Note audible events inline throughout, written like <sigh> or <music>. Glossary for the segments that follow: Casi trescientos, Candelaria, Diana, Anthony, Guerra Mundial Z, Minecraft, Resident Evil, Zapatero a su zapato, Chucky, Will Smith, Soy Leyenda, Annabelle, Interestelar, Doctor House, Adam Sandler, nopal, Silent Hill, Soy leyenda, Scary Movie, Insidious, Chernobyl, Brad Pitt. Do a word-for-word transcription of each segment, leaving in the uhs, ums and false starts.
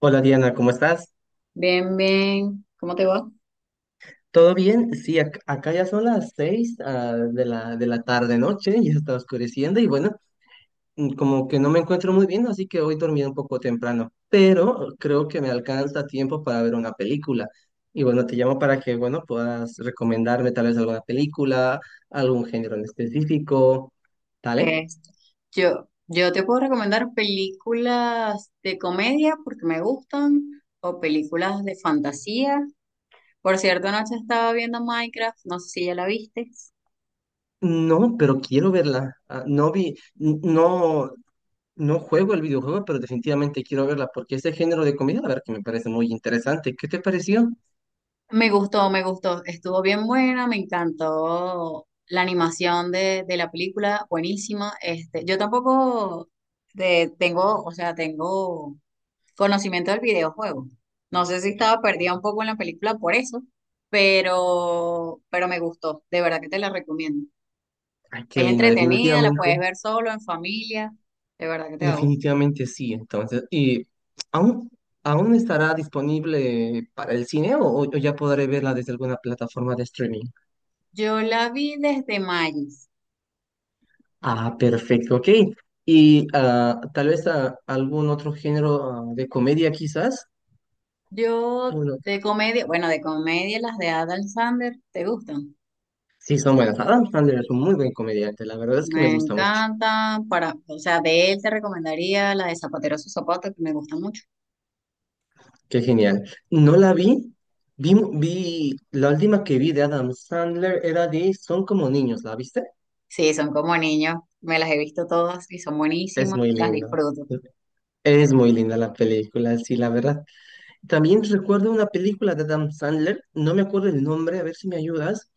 Hola Diana, ¿cómo estás? Bien, bien. ¿Cómo te va? ¿Todo bien? Sí, ac- acá ya son las seis ah, de la, de la tarde noche, ya está oscureciendo y bueno, mm, como que no me encuentro muy bien, así que hoy dormí un poco temprano, pero creo que me alcanza tiempo para ver una película. Y bueno, te llamo para que, bueno, puedas recomendarme tal vez alguna película, algún género en específico, ¿vale? Este, yo, yo te puedo recomendar películas de comedia porque me gustan o películas de fantasía. Por cierto, anoche estaba viendo Minecraft, no sé si ya la viste. No, pero quiero verla. Ah, no vi, n- no. No juego el videojuego, pero definitivamente quiero verla porque ese género de comida, la verdad que me parece muy interesante. ¿Qué te pareció? Me gustó, me gustó. Estuvo bien buena, me encantó la animación de, de la película, buenísima. Este, yo tampoco de- tengo, o sea, tengo conocimiento del videojuego. No sé si estaba perdida un poco en la película por eso, pero, pero me gustó. De verdad que te la recomiendo. Ay, qué Es lindo, entretenida, la puedes definitivamente, ver solo, en familia. De verdad que te va a gustar. definitivamente sí. Entonces, ¿y aún, aún estará disponible para el cine o, o ya podré verla desde alguna plataforma de streaming? Yo la vi desde Magis. Ah, perfecto, ok. Y ah, tal vez ah, algún otro género ah, de comedia, quizás. Ah, Yo bueno, de comedia, bueno, de comedia las de Adam Sandler, ¿te gustan? sí, son buenas. Adam Sandler es un muy buen comediante, la verdad es que me Me gusta mucho. encantan. Para, o sea, de él te recomendaría la de Zapatero a su zapato, que me gusta mucho. Qué genial. No la vi. Vi, vi, la última que vi de Adam Sandler era de Son como niños, ¿la viste? Sí, son como niños. Me las he visto todas y son Es buenísimas. muy Las linda. disfruto. Es muy linda la película, sí, la verdad. También recuerdo una película de Adam Sandler, no me acuerdo el nombre, a ver si me ayudas,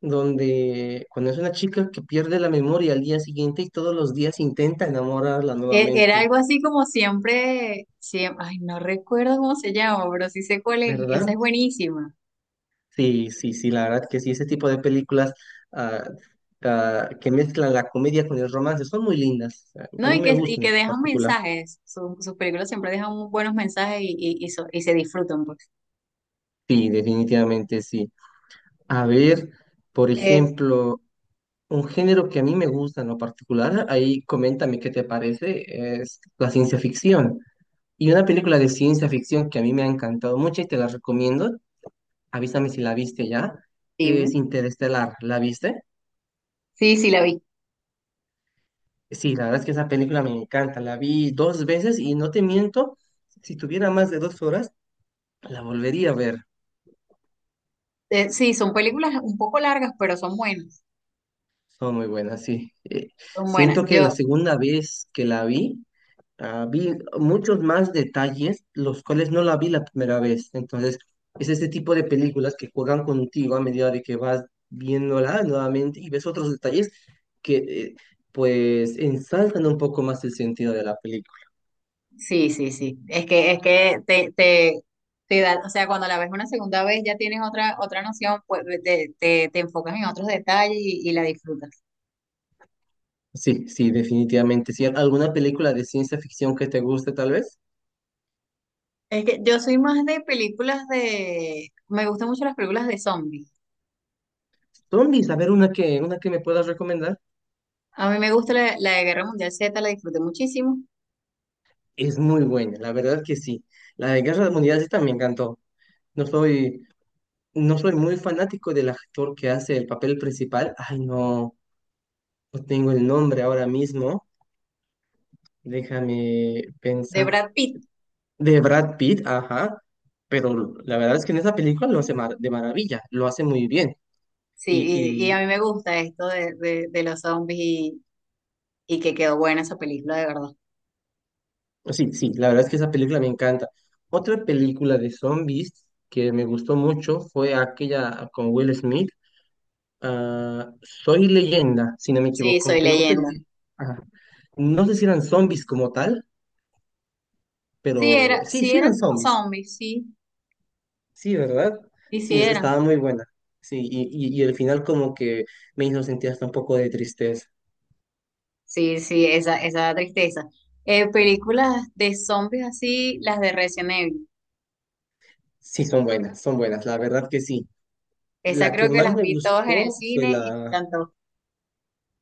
donde cuando es una chica que pierde la memoria al día siguiente y todos los días intenta enamorarla E- Era nuevamente, algo así como siempre, siempre, ay, no recuerdo cómo se llama, pero sí sé cuál es, ¿verdad? esa es buenísima. Sí, sí, sí, la verdad que sí, ese tipo de películas ah, ah, que mezclan la comedia con el romance son muy lindas. A No, mí y me que, y gustan que en dejan particular. mensajes, su- sus películas siempre dejan muy buenos mensajes y, y, y, so- y se disfrutan, pues. Sí, definitivamente sí. A ver, por Eh, ejemplo, un género que a mí me gusta en lo particular, ahí coméntame qué te parece, es la ciencia ficción. Y una película de ciencia ficción que a mí me ha encantado mucho y te la recomiendo, avísame si la viste ya, es dime. Interestelar. ¿La viste? Sí, sí, la vi. Sí, la verdad es que esa película me encanta. La vi dos veces y no te miento, si tuviera más de dos horas, la volvería a ver. Eh, sí, son películas un poco largas, pero son buenas, Son muy buenas, sí. Eh, son buenas. Siento que la Yo, segunda vez que la vi, ah, vi muchos más detalles, los cuales no la vi la primera vez. Entonces, es este tipo de películas que juegan contigo a medida de que vas viéndola nuevamente y ves otros detalles que, eh, pues, ensalzan un poco más el sentido de la película. sí, sí, sí, es que, es que te, te, te da, o sea, cuando la ves una segunda vez ya tienes otra, otra noción, pues te, te, te enfocas en otros detalles y, y la disfrutas. Sí, sí, definitivamente. Sí, ¿alguna película de ciencia ficción que te guste, tal vez? Es que yo soy más de películas de Me gustan mucho las películas de zombies. Zombies, a ver, una que, una que me puedas recomendar. A mí me gusta la, la de Guerra Mundial Z, la disfruté muchísimo. Es muy buena, la verdad que sí. La de Guerra Mundial Z me encantó. No soy, no soy muy fanático del actor que hace el papel principal. Ay, no, no tengo el nombre ahora mismo. Déjame De pensar. Brad Pitt, De Brad Pitt, ajá. Pero la verdad es que en esa película lo hace mar- de maravilla, lo hace muy bien. sí, y, y a Y, mí me gusta esto de, de, de los zombies y, y que quedó buena esa película, de verdad. Sí, sí, la verdad es que esa película me encanta. Otra película de zombies que me gustó mucho fue aquella con Will Smith, ah, Soy Leyenda, si no me Sí, equivoco, soy aunque no sé leyenda. si, ajá, no sé si eran zombies como tal, Sí, era, pero sí, sí sí eran eran como zombies, zombies, sí, sí, ¿verdad? sí, sí Sí, es- eran. estaba muy buena. Sí, y, y, y el final como que me hizo sentir hasta un poco de tristeza. Sí, sí, esa, esa tristeza. Eh, películas de zombies así, las de Resident Evil. Sí, son buenas, son buenas, la verdad que sí. Esa La que creo que más las me vi todas en el gustó fue cine y la, me encantó.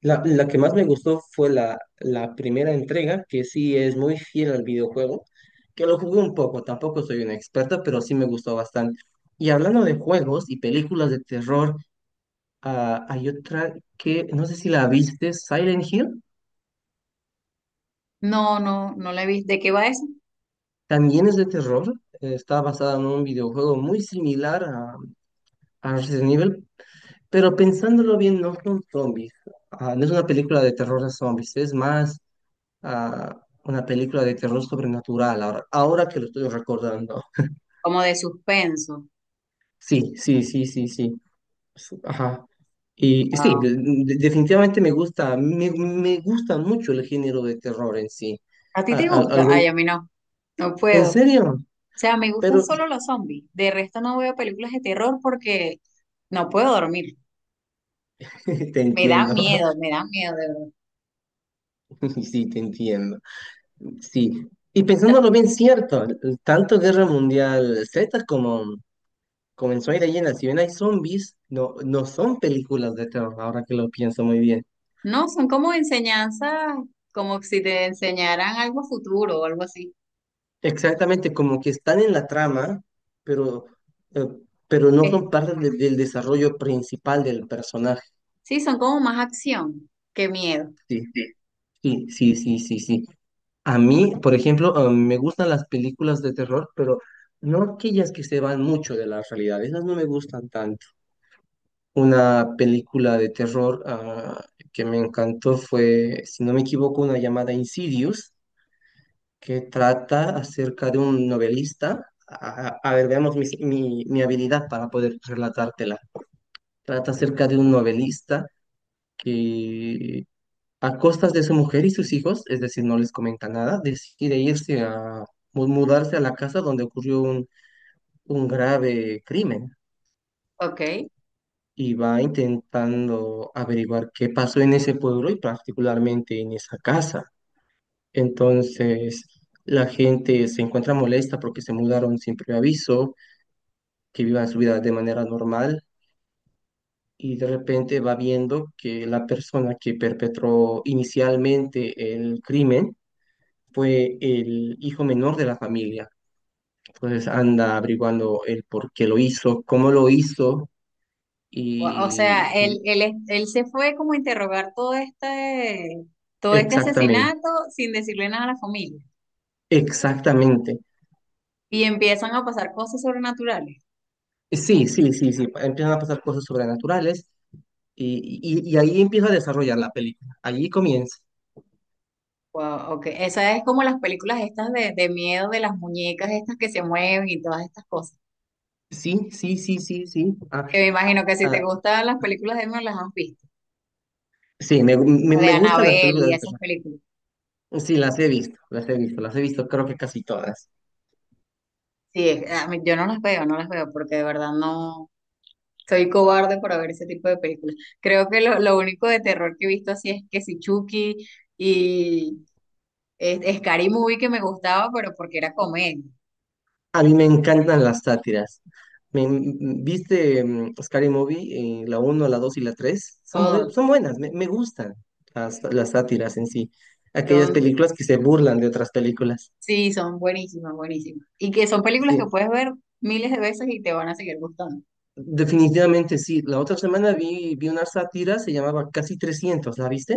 La, la que más me gustó fue la, la primera entrega, que sí es muy fiel al videojuego, que lo jugué un poco, tampoco soy una experta, pero sí me gustó bastante. Y hablando de juegos y películas de terror, ah, hay otra que no sé si la viste, Silent Hill, No, no, no la vi. ¿De qué va esa? también es de terror, eh, está basada en un videojuego muy similar a, a Resident Evil, pero pensándolo bien, no son zombies. Ah, no es una película de terror a zombies, es más a una película de terror sobrenatural, ahora, ahora que lo estoy recordando. Como de suspenso. Sí, sí, sí, sí, sí. Su- Ajá. Y y sí, Wow. de- de- definitivamente me gusta, me, me gusta mucho el género de terror en sí. ¿A ti A- te a- gusta? algún, Ay, a mí no, no ¿en puedo. O serio? sea, me gustan Pero solo los zombies. De resto no veo películas de terror porque no puedo dormir. <laughs> te Me dan entiendo, miedo, me dan miedo, de verdad. <laughs> sí, te entiendo. Sí, y pensándolo bien, cierto, tanto Guerra Mundial Z como, como en Soy Leyenda, si bien hay zombies, no, no son películas de terror, ahora que lo pienso muy bien. No, son como enseñanzas, como si te enseñaran algo futuro o algo así. Exactamente, como que están en la trama, pero, eh, pero no Es- son parte de- del desarrollo principal del personaje. sí, son como más acción que miedo. Sí, sí, sí, sí, sí, sí. A mí, por ejemplo, eh, me gustan las películas de terror, pero no aquellas que se van mucho de la realidad. Esas no me gustan tanto. Una película de terror, ah, que me encantó fue, si no me equivoco, una llamada Insidious que trata acerca de un novelista. A, a- a ver, veamos mi, mi- mi habilidad para poder relatártela. Trata acerca de un novelista que a costas de su mujer y sus hijos, es decir, no les comenta nada, decide irse a mu- mudarse a la casa donde ocurrió un, un grave crimen Ok. y va intentando averiguar qué pasó en ese pueblo y particularmente en esa casa. Entonces, la gente se encuentra molesta porque se mudaron sin previo aviso que vivan su vida de manera normal y de repente va viendo que la persona que perpetró inicialmente el crimen fue el hijo menor de la familia. Entonces anda averiguando el por qué lo hizo, cómo lo hizo O, o y sea, él, él, es- él se fue como a interrogar todo este, todo este exactamente, asesinato sin decirle nada a la familia. exactamente. Y empiezan a pasar cosas sobrenaturales. Sí, sí, sí, sí, empiezan a pasar cosas sobrenaturales y, y, y ahí empieza a desarrollar la película, allí comienza. Wow, ok. Esa es como las películas estas de, de miedo de las muñecas estas que se mueven y todas estas cosas. Sí, sí, sí, sí, sí. Ah, Que me imagino que si ah, te gustan las películas de miedo las has visto. sí, me, me, O de me gustan las Annabelle películas y de esas terror. películas. Sí, las he visto, las he visto, las he visto, creo que casi todas. Sí, es- a mí- yo no las veo, no las veo porque de verdad no soy cobarde para ver ese tipo de películas. Creo que lo, lo único de terror que he visto así es que si Chucky y es, Scary Movie que me gustaba, pero porque era comedia. A mí me encantan las sátiras. Me, m- ¿Viste mm, Scary Movie? Eh, ¿la uno, la dos y la tres? Son muy, son Todos. buenas, me, me gustan las, las sátiras en sí. Aquellas películas que se burlan de otras películas. Sí, son buenísimas, buenísimas. Y que son películas Sí, que puedes ver miles de veces y te van a seguir gustando. definitivamente sí. La otra semana vi, vi una sátira, se llamaba Casi trescientos. ¿La viste?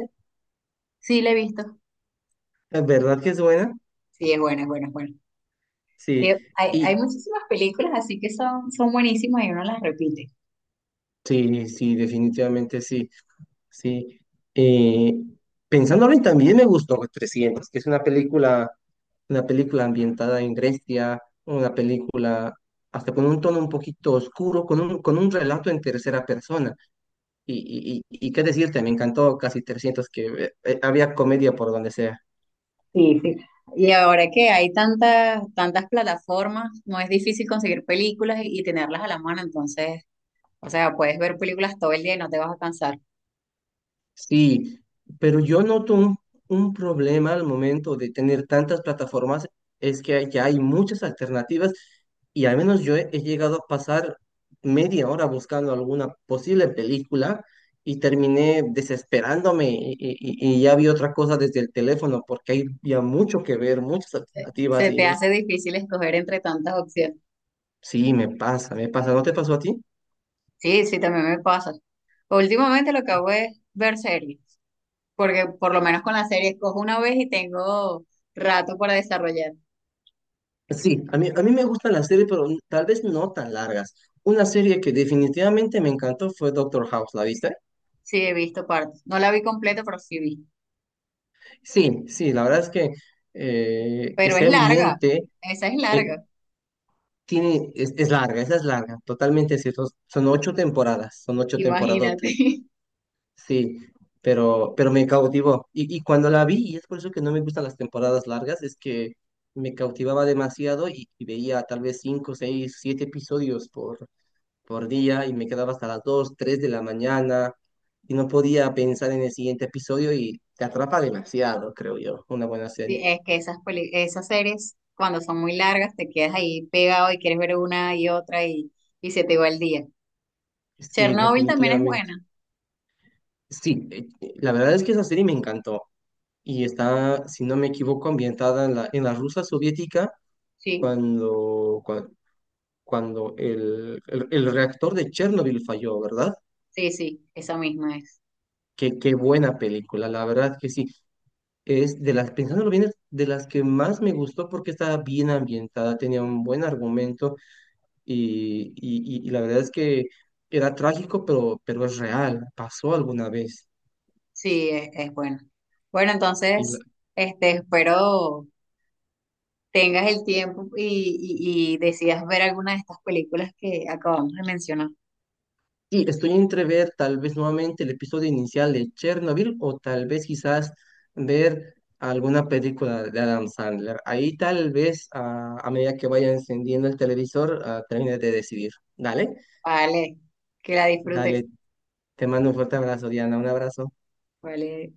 Sí, la he visto. ¿Es ¿Verdad que es buena? Sí, es buena, es buena, es buena. Sí, Que hay, hay y muchísimas películas así que son, son buenísimas y uno las repite. sí, sí, definitivamente sí. Sí. Eh, Pensándolo y también me gustó trescientos, que es una película, una película, ambientada en Grecia, una película hasta con un tono un poquito oscuro, con un, con un relato en tercera persona. Y, y, y, y qué decirte, me encantó casi trescientos que eh, eh, había comedia por donde sea. Sí, sí. Y ahora que hay tantas, tantas plataformas, no es difícil conseguir películas y, y tenerlas a la mano, entonces, o sea, puedes ver películas todo el día y no te vas a cansar. Sí, pero yo noto un, un problema al momento de tener tantas plataformas, es que ya hay muchas alternativas y al menos yo he, he llegado a pasar media hora buscando alguna posible película y terminé desesperándome y, y- y ya vi otra cosa desde el teléfono porque hay ya mucho que ver, muchas Se, alternativas se te y es, hace difícil escoger entre tantas opciones. sí, me pasa, me pasa, ¿no te pasó a ti? Sí, sí, también me pasa. Últimamente lo que hago es ver series, porque por lo menos con la serie escojo una vez y tengo rato para desarrollar. Sí, a mí, a mí me gustan las series, pero n- tal vez no tan largas. Una serie que definitivamente me encantó fue Doctor House, ¿la viste? Sí, he visto partes. No la vi completa, pero sí vi. Sí, sí, la verdad es que eh, Pero es ese larga, ambiente esa es eh, larga, tiene, es, es larga, esa es larga, totalmente cierto. Son ocho temporadas, son ocho imagínate. temporadotas, <laughs> sí, pero, pero me cautivó. Y, y cuando la vi, y es por eso que no me gustan las temporadas largas, es que me cautivaba demasiado y, y veía tal vez cinco, seis, siete episodios por por día y me quedaba hasta las dos tres de la mañana y no podía pensar en el siguiente episodio y te atrapa demasiado, creo yo, una buena Sí, serie. es que esas, peli- esas series, cuando son muy largas, te quedas ahí pegado y quieres ver una y otra y, y se te va el día. Sí, Chernobyl también es definitivamente. buena. Sí, eh, la verdad es que esa serie me encantó y está, si no me equivoco, ambientada en la, en la Rusia soviética Sí, cuando, cuan- cuando, el, el, el reactor de Chernobyl falló, ¿verdad? sí, sí, esa misma es. Qué, qué buena película, la verdad que sí. Es de las, pensándolo bien, es de las que más me gustó porque estaba bien ambientada, tenía un buen argumento y, y- y- y la verdad es que era trágico, pero, pero es real, pasó alguna vez. Sí, es, es buena. Bueno, Y, la- entonces, este, espero tengas el tiempo y, y, y decidas ver alguna de estas películas que acabamos de mencionar. y estoy entre ver tal vez nuevamente el episodio inicial de Chernobyl o tal vez quizás ver alguna película de Adam Sandler. Ahí tal vez a, a medida que vaya encendiendo el televisor, ah, termine de decidir. Dale, Vale, que la disfrutes. dale, te mando un fuerte abrazo, Diana, un abrazo. Vale.